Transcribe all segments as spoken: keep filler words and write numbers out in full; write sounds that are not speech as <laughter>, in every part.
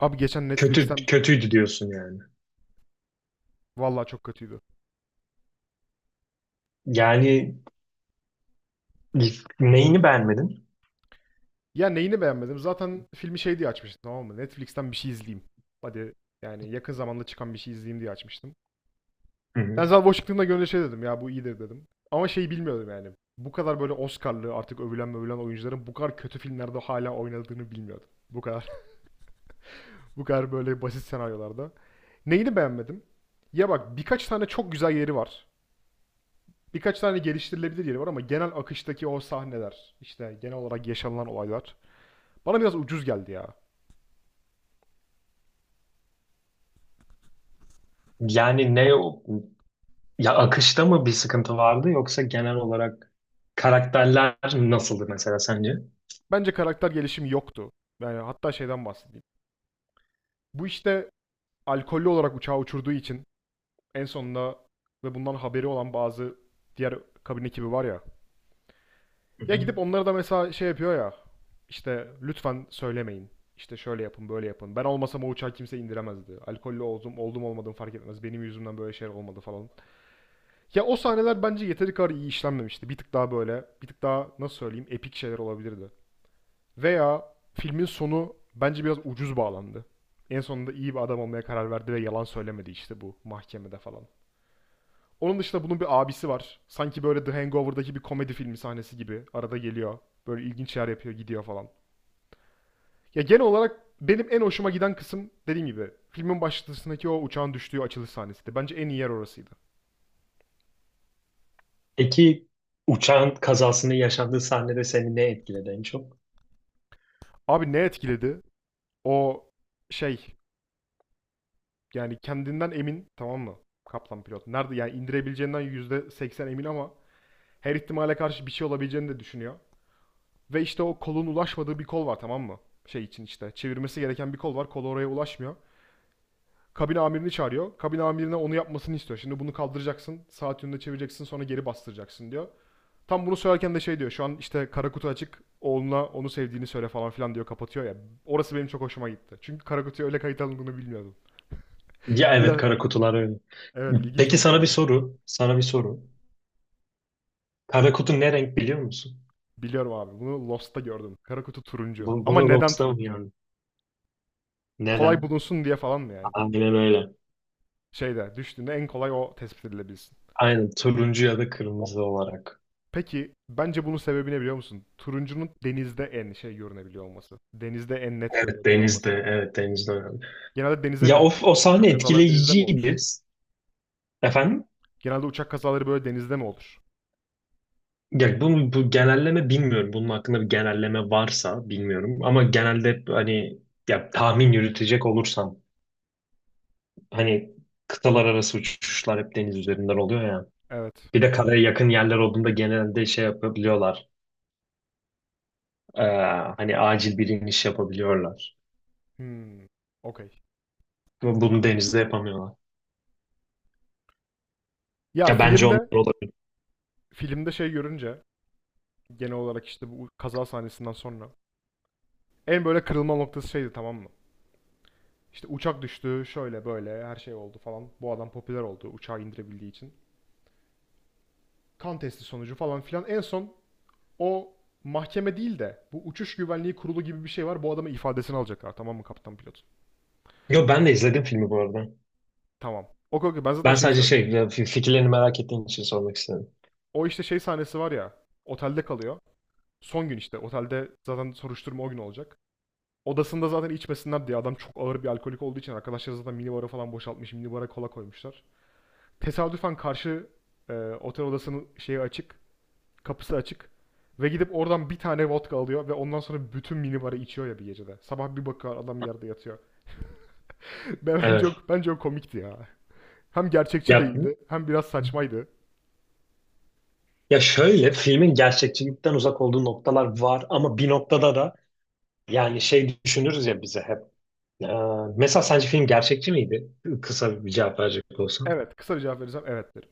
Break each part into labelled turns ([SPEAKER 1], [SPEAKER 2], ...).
[SPEAKER 1] Abi geçen
[SPEAKER 2] Kötü
[SPEAKER 1] Netflix'ten
[SPEAKER 2] kötüydü diyorsun yani.
[SPEAKER 1] vallahi çok kötüydü.
[SPEAKER 2] Yani neyini beğenmedin?
[SPEAKER 1] Ya neyini beğenmedim? Zaten filmi şey diye açmıştım, tamam mı? Netflix'ten bir şey izleyeyim. Hadi yani yakın zamanda çıkan bir şey izleyeyim diye açmıştım.
[SPEAKER 2] Hı hı.
[SPEAKER 1] Denzel Washington'la görünce şey dedim ya, bu iyidir dedim. Ama şeyi bilmiyordum yani. Bu kadar böyle Oscar'lı artık övülen mövülen oyuncuların bu kadar kötü filmlerde hala oynadığını bilmiyordum. Bu kadar <laughs> bu kadar böyle basit senaryolarda. Neyini beğenmedim? Ya bak, birkaç tane çok güzel yeri var. Birkaç tane geliştirilebilir yeri var ama genel akıştaki o sahneler, işte genel olarak yaşanılan olaylar bana biraz ucuz geldi ya.
[SPEAKER 2] Yani ne o- Ya akışta mı bir sıkıntı vardı, yoksa genel olarak karakterler nasıldı mesela sence?
[SPEAKER 1] Bence karakter gelişimi yoktu. Yani hatta şeyden bahsedeyim. Bu işte alkollü olarak uçağı uçurduğu için en sonunda ve bundan haberi olan bazı diğer kabin ekibi var ya.
[SPEAKER 2] Hı
[SPEAKER 1] Ya
[SPEAKER 2] hı.
[SPEAKER 1] gidip onlara da mesela şey yapıyor ya. İşte lütfen söylemeyin. İşte şöyle yapın, böyle yapın. Ben olmasam o uçağı kimse indiremezdi. Alkollü oldum, oldum olmadım fark etmez. Benim yüzümden böyle şeyler olmadı falan. Ya o sahneler bence yeteri kadar iyi işlenmemişti. Bir tık daha böyle, bir tık daha nasıl söyleyeyim, epik şeyler olabilirdi. Veya filmin sonu bence biraz ucuz bağlandı. En sonunda iyi bir adam olmaya karar verdi ve yalan söylemedi işte bu mahkemede falan. Onun dışında bunun bir abisi var. Sanki böyle The Hangover'daki bir komedi filmi sahnesi gibi. Arada geliyor. Böyle ilginç şeyler yapıyor, gidiyor falan. Ya genel olarak benim en hoşuma giden kısım, dediğim gibi, filmin başlangıcındaki o uçağın düştüğü açılış sahnesiydi. Bence en iyi yer orasıydı.
[SPEAKER 2] Peki, uçağın kazasını yaşadığı sahnede seni ne etkiledi en çok?
[SPEAKER 1] Abi ne etkiledi? O şey, yani kendinden emin, tamam mı? Kaplan pilot. Nerede yani indirebileceğinden yüzde seksen emin ama her ihtimale karşı bir şey olabileceğini de düşünüyor. Ve işte o kolun ulaşmadığı bir kol var, tamam mı? Şey için işte çevirmesi gereken bir kol var. Kol oraya ulaşmıyor. Kabin amirini çağırıyor. Kabin amirine onu yapmasını istiyor. Şimdi bunu kaldıracaksın. Saat yönünde çevireceksin, sonra geri bastıracaksın diyor. Tam bunu söylerken de şey diyor. Şu an işte kara kutu açık. Oğluna onu sevdiğini söyle falan filan diyor. Kapatıyor ya. Orası benim çok hoşuma gitti. Çünkü kara kutuya öyle kayıt alındığını bilmiyordum.
[SPEAKER 2] Ya evet,
[SPEAKER 1] Biraz,
[SPEAKER 2] kara kutular öyle.
[SPEAKER 1] evet, ilginç
[SPEAKER 2] Peki
[SPEAKER 1] oldu
[SPEAKER 2] sana bir
[SPEAKER 1] yani.
[SPEAKER 2] soru. Sana bir soru. Kara kutu ne renk biliyor musun?
[SPEAKER 1] Biliyorum abi. Bunu Lost'ta gördüm. Kara kutu turuncu.
[SPEAKER 2] Bu,
[SPEAKER 1] Ama
[SPEAKER 2] bunu
[SPEAKER 1] neden
[SPEAKER 2] Lobster mı
[SPEAKER 1] turuncu?
[SPEAKER 2] yani?
[SPEAKER 1] Kolay
[SPEAKER 2] Neden?
[SPEAKER 1] bulunsun diye falan mı yani? Bilmiyorum.
[SPEAKER 2] Aynen öyle.
[SPEAKER 1] Şeyde düştüğünde en kolay o tespit edilebilsin.
[SPEAKER 2] Aynen turuncu ya da kırmızı olarak.
[SPEAKER 1] Peki bence bunun sebebi ne biliyor musun? Turuncunun denizde en şey görünebiliyor olması. Denizde en net görünebiliyor olması.
[SPEAKER 2] Denizde, evet denizde önemli.
[SPEAKER 1] Genelde denize
[SPEAKER 2] Ya
[SPEAKER 1] mi?
[SPEAKER 2] o, o sahne
[SPEAKER 1] Uçak kazaları denizde mi olur?
[SPEAKER 2] etkileyiciydi. Efendim?
[SPEAKER 1] Genelde uçak kazaları böyle denizde mi olur?
[SPEAKER 2] Ya bu, bu genelleme bilmiyorum. Bunun hakkında bir genelleme varsa bilmiyorum. Ama genelde hani, ya tahmin yürütecek olursam, hani kıtalar arası uçuşlar hep deniz üzerinden oluyor ya.
[SPEAKER 1] Evet.
[SPEAKER 2] Bir de karaya yakın yerler olduğunda genelde şey yapabiliyorlar. Ee, Hani acil bir iniş yapabiliyorlar.
[SPEAKER 1] Hmm. Okey.
[SPEAKER 2] Bu Bunu denizde yapamıyorlar.
[SPEAKER 1] Ya
[SPEAKER 2] Ya bence onlar
[SPEAKER 1] filmde
[SPEAKER 2] olabilir.
[SPEAKER 1] filmde şey görünce, genel olarak işte bu kaza sahnesinden sonra, en böyle kırılma noktası şeydi, tamam mı? İşte uçak düştü, şöyle böyle her şey oldu falan. Bu adam popüler oldu uçağı indirebildiği için. Kan testi sonucu falan filan. En son o mahkeme değil de bu uçuş güvenliği kurulu gibi bir şey var. Bu adamın ifadesini alacaklar, tamam mı, kaptan pilot?
[SPEAKER 2] Yo, ben de izledim filmi bu arada.
[SPEAKER 1] Tamam. Okey, okey, ben zaten
[SPEAKER 2] Ben
[SPEAKER 1] şeyi
[SPEAKER 2] sadece
[SPEAKER 1] söylüyorum.
[SPEAKER 2] şey ya, fi- fikirlerini merak ettiğim için sormak istedim.
[SPEAKER 1] O işte şey sahnesi var ya, otelde kalıyor. Son gün işte otelde zaten soruşturma o gün olacak. Odasında zaten içmesinler diye, adam çok ağır bir alkolik olduğu için arkadaşlar zaten minibara falan boşaltmış. Minibara kola koymuşlar. Tesadüfen karşı e, otel odasının şeyi açık. Kapısı açık. Ve gidip oradan bir tane vodka alıyor ve ondan sonra bütün minibarı içiyor ya bir gecede. Sabah bir bakıyor, adam yerde yatıyor. Be- Bence o,
[SPEAKER 2] Evet.
[SPEAKER 1] bence o komikti ya. Hem gerçekçi
[SPEAKER 2] Ya,
[SPEAKER 1] değildi, hem biraz saçmaydı.
[SPEAKER 2] ya şöyle, filmin gerçekçilikten uzak olduğu noktalar var ama bir noktada da yani şey düşünürüz ya bize hep. Ee, Mesela sence film gerçekçi miydi? Kısa bir cevap verecek olsam.
[SPEAKER 1] Evet, kısa bir cevap verirsem evet derim.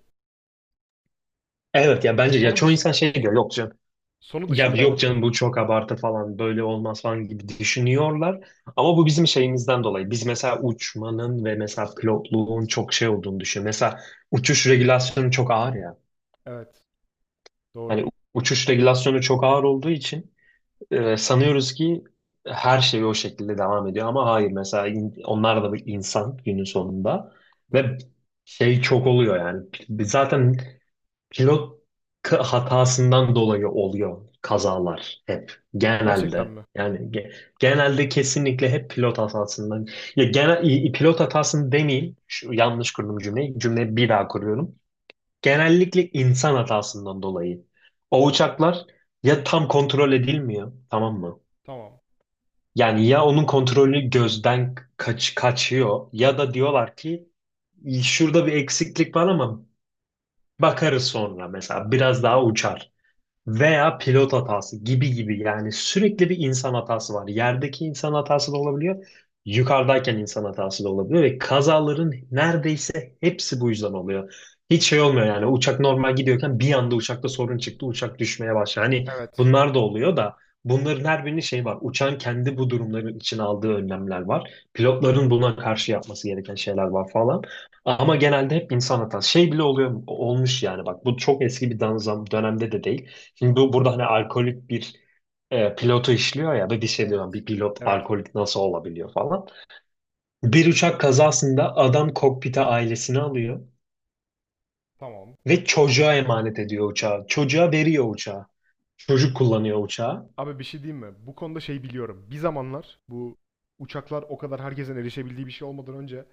[SPEAKER 2] Evet ya, bence, ya
[SPEAKER 1] Sonu
[SPEAKER 2] çoğu insan
[SPEAKER 1] dışın,
[SPEAKER 2] şey diyor, yok canım.
[SPEAKER 1] sonu
[SPEAKER 2] Ya
[SPEAKER 1] dışında
[SPEAKER 2] yok
[SPEAKER 1] evet.
[SPEAKER 2] canım, bu çok abartı falan, böyle olmaz falan gibi düşünüyorlar. Ama bu bizim şeyimizden dolayı. Biz mesela uçmanın ve mesela pilotluğun çok şey olduğunu düşünüyoruz. Mesela uçuş regülasyonu çok ağır ya.
[SPEAKER 1] Evet,
[SPEAKER 2] Hani
[SPEAKER 1] doğru,
[SPEAKER 2] uçuş regülasyonu çok ağır olduğu için Ee, sanıyoruz ki her şey o şekilde devam ediyor ama hayır, mesela in- onlar da bir insan günün sonunda, ve
[SPEAKER 1] doğru.
[SPEAKER 2] şey çok oluyor yani, P- zaten pilot k- hatasından dolayı oluyor kazalar, hep
[SPEAKER 1] Gerçekten
[SPEAKER 2] genelde
[SPEAKER 1] mi?
[SPEAKER 2] yani ge- genelde, kesinlikle hep pilot hatasından. Ya genel i- i- pilot hatasını demeyeyim. Şu, yanlış kurdum cümleyi, cümleyi bir daha kuruyorum. Genellikle insan hatasından dolayı o uçaklar ya tam kontrol edilmiyor, tamam mı?
[SPEAKER 1] Tamam.
[SPEAKER 2] Yani ya onun kontrolü gözden kaç kaçıyor, ya da diyorlar ki şurada bir eksiklik var ama bakarız sonra, mesela biraz daha uçar. Veya pilot hatası gibi gibi, yani sürekli bir insan hatası var. Yerdeki insan hatası da olabiliyor, yukarıdayken insan hatası da olabiliyor ve kazaların neredeyse hepsi bu yüzden oluyor. Hiç şey olmuyor yani, uçak normal gidiyorken bir anda uçakta sorun çıktı, uçak düşmeye başladı. Hani
[SPEAKER 1] Evet,
[SPEAKER 2] bunlar da oluyor da, bunların her birinin şeyi var. Uçağın kendi bu durumların için aldığı önlemler var. Pilotların buna karşı yapması gereken şeyler var falan. Ama genelde hep insan hatası. Şey bile oluyor, olmuş yani, bak bu çok eski bir danzam dönemde de değil. Şimdi bu burada hani alkolik bir e, pilotu işliyor ya, da bir şey diyorum,
[SPEAKER 1] evet,
[SPEAKER 2] bir pilot
[SPEAKER 1] evet,
[SPEAKER 2] alkolik nasıl olabiliyor falan. Bir uçak kazasında adam kokpite ailesini alıyor
[SPEAKER 1] tamam.
[SPEAKER 2] ve
[SPEAKER 1] Pilotun
[SPEAKER 2] çocuğa
[SPEAKER 1] ailesi.
[SPEAKER 2] emanet ediyor uçağı. Çocuğa veriyor uçağı. Çocuk kullanıyor uçağı.
[SPEAKER 1] Abi bir şey diyeyim mi? Bu konuda şey biliyorum. Bir zamanlar, bu uçaklar o kadar herkesin erişebildiği bir şey olmadan önce,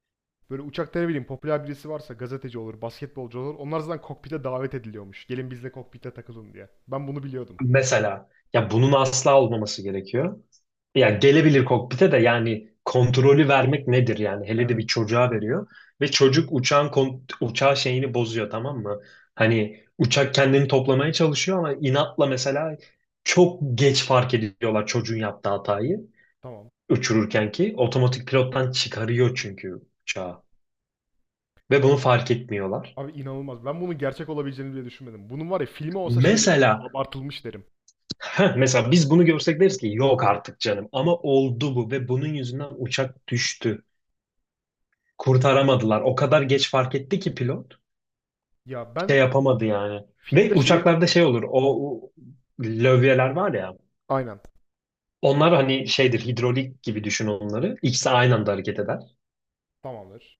[SPEAKER 1] böyle uçakta ne bileyim popüler birisi varsa, gazeteci olur, basketbolcu olur, onlar zaten kokpite davet ediliyormuş. Gelin bizle kokpite takılın diye. Ben bunu biliyordum.
[SPEAKER 2] Mesela ya bunun asla olmaması gerekiyor. Ya gelebilir kokpite de, yani kontrolü vermek nedir yani, hele de bir
[SPEAKER 1] Evet.
[SPEAKER 2] çocuğa veriyor ve çocuk uçağın kon- uçağı şeyini bozuyor, tamam mı? Hani uçak kendini toplamaya çalışıyor ama inatla mesela çok geç fark ediyorlar çocuğun yaptığı hatayı.
[SPEAKER 1] Tamam.
[SPEAKER 2] Uçururken ki otomatik pilottan çıkarıyor çünkü uçağı, ve bunu fark etmiyorlar.
[SPEAKER 1] Abi inanılmaz. Ben bunun gerçek olabileceğini bile düşünmedim. Bunun var ya filmi olsa şey derim yani,
[SPEAKER 2] Mesela
[SPEAKER 1] abartılmış derim.
[SPEAKER 2] Heh, mesela biz bunu görsek deriz ki yok artık canım, ama oldu bu ve bunun yüzünden uçak düştü. Kurtaramadılar. O kadar geç fark etti ki pilot
[SPEAKER 1] Ya
[SPEAKER 2] şey
[SPEAKER 1] ben
[SPEAKER 2] yapamadı yani. Ve
[SPEAKER 1] filmde şeyi
[SPEAKER 2] uçaklarda şey olur, o, o lövyeler var ya,
[SPEAKER 1] aynen
[SPEAKER 2] onlar hani şeydir, hidrolik gibi düşün onları. İkisi aynı anda hareket eder.
[SPEAKER 1] tamamdır.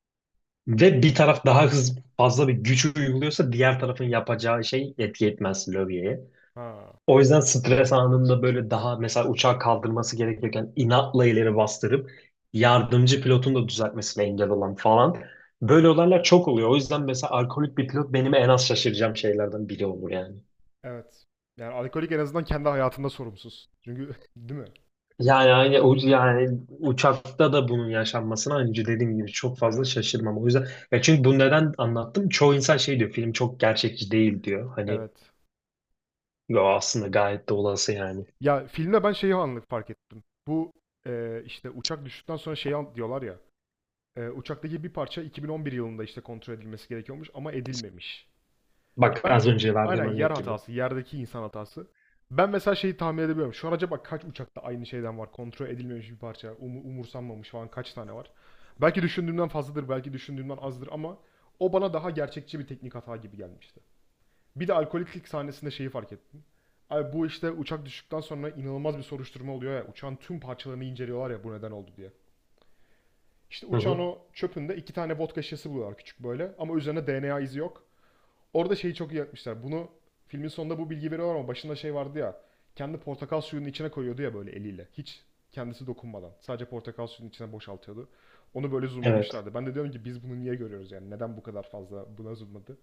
[SPEAKER 2] Ve bir taraf daha hız fazla bir güç uyguluyorsa diğer tarafın yapacağı şey etki etmez lövyeye.
[SPEAKER 1] Ha,
[SPEAKER 2] O yüzden stres anında böyle daha mesela uçağı kaldırması gerekirken inatla ileri bastırıp yardımcı pilotun da düzeltmesine engel olan falan. Böyle olaylar çok oluyor. O yüzden mesela alkolik bir pilot benim en az şaşıracağım şeylerden biri olur yani.
[SPEAKER 1] evet. Yani alkolik en azından kendi hayatında sorumsuz. Çünkü <laughs> değil mi?
[SPEAKER 2] Yani aynı o- yani uçakta da bunun yaşanmasına aynı dediğim gibi çok fazla
[SPEAKER 1] Evet.
[SPEAKER 2] şaşırmam. O yüzden ya çünkü bu, neden anlattım? Çoğu insan şey diyor, film çok gerçekçi değil diyor. Hani
[SPEAKER 1] Evet.
[SPEAKER 2] yo, aslında gayet de olası yani.
[SPEAKER 1] Ya filmde ben şeyi anlık fark ettim. Bu e, işte uçak düştükten sonra şeyi an- diyorlar ya. E, uçaktaki bir parça iki bin on bir yılında işte kontrol edilmesi gerekiyormuş ama edilmemiş.
[SPEAKER 2] Bak
[SPEAKER 1] Ben,
[SPEAKER 2] az önce verdiğim
[SPEAKER 1] aynen, yer
[SPEAKER 2] örnek gibi.
[SPEAKER 1] hatası, yerdeki insan hatası. Ben mesela şeyi tahmin edebiliyorum. Şu an acaba kaç uçakta aynı şeyden var? Kontrol edilmemiş bir parça, umu- umursanmamış falan, kaç tane var? Belki düşündüğümden fazladır, belki düşündüğümden azdır ama o bana daha gerçekçi bir teknik hata gibi gelmişti. Bir de alkoliklik sahnesinde şeyi fark ettim. Abi bu işte uçak düştükten sonra inanılmaz bir soruşturma oluyor ya. Uçağın tüm parçalarını inceliyorlar ya, bu neden oldu diye. İşte
[SPEAKER 2] Hı
[SPEAKER 1] uçağın
[SPEAKER 2] hı.
[SPEAKER 1] o çöpünde iki tane vodka şişesi buluyorlar, küçük böyle, ama üzerine D N A izi yok. Orada şeyi çok iyi yapmışlar. Bunu filmin sonunda bu bilgi veriyor ama başında şey vardı ya. Kendi portakal suyunun içine koyuyordu ya böyle eliyle. Hiç kendisi dokunmadan. Sadece portakal suyunun içine boşaltıyordu. Onu böyle
[SPEAKER 2] Evet.
[SPEAKER 1] zoomlamışlardı. Ben de diyorum ki biz bunu niye görüyoruz yani? Neden bu kadar fazla buna zoomladı?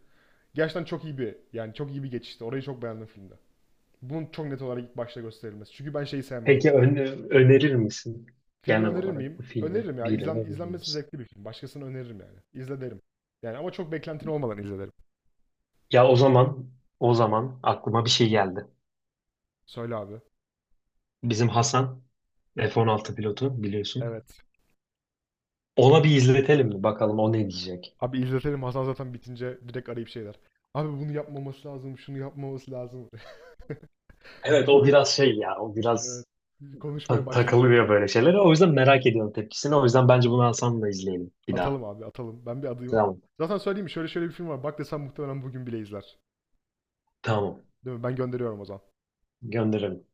[SPEAKER 1] Gerçekten çok iyi bir, yani çok iyi bir geçişti. Orayı çok beğendim filmde. Bunun çok net olarak ilk başta gösterilmesi. Çünkü ben şeyi sevmem.
[SPEAKER 2] Peki ön- Önerir misin,
[SPEAKER 1] Filmi
[SPEAKER 2] genel
[SPEAKER 1] önerir
[SPEAKER 2] olarak
[SPEAKER 1] miyim?
[SPEAKER 2] bu filmi
[SPEAKER 1] Öneririm ya.
[SPEAKER 2] birine
[SPEAKER 1] İzlen,
[SPEAKER 2] önerir
[SPEAKER 1] izlenmesi
[SPEAKER 2] misin?
[SPEAKER 1] zevkli bir film. Başkasına öneririm yani. İzle derim. Yani ama çok beklentin olmadan izle derim.
[SPEAKER 2] Ya o zaman, o zaman aklıma bir şey geldi.
[SPEAKER 1] Söyle abi.
[SPEAKER 2] Bizim Hasan F on altı pilotu, biliyorsun.
[SPEAKER 1] Evet.
[SPEAKER 2] Ona bir izletelim mi bakalım, o ne diyecek?
[SPEAKER 1] Abi izletelim, Hasan zaten bitince direkt arayıp şeyler. Abi bunu yapmaması lazım, şunu yapmaması lazım.
[SPEAKER 2] Evet o
[SPEAKER 1] <laughs>
[SPEAKER 2] biraz şey ya, o
[SPEAKER 1] Evet.
[SPEAKER 2] biraz
[SPEAKER 1] Konuşmaya
[SPEAKER 2] ta-
[SPEAKER 1] başlayacak
[SPEAKER 2] takılıyor
[SPEAKER 1] yani.
[SPEAKER 2] böyle şeylere. O yüzden merak ediyorum tepkisini. O
[SPEAKER 1] Evet.
[SPEAKER 2] yüzden bence bunu Hasan'la izleyelim bir daha.
[SPEAKER 1] Atalım abi, atalım. Ben bir adayım.
[SPEAKER 2] Tamam.
[SPEAKER 1] Zaten söyleyeyim mi? Şöyle şöyle bir film var, bak desem muhtemelen bugün bile izler.
[SPEAKER 2] Tamam.
[SPEAKER 1] Değil mi? Ben gönderiyorum o zaman.
[SPEAKER 2] Gönderelim.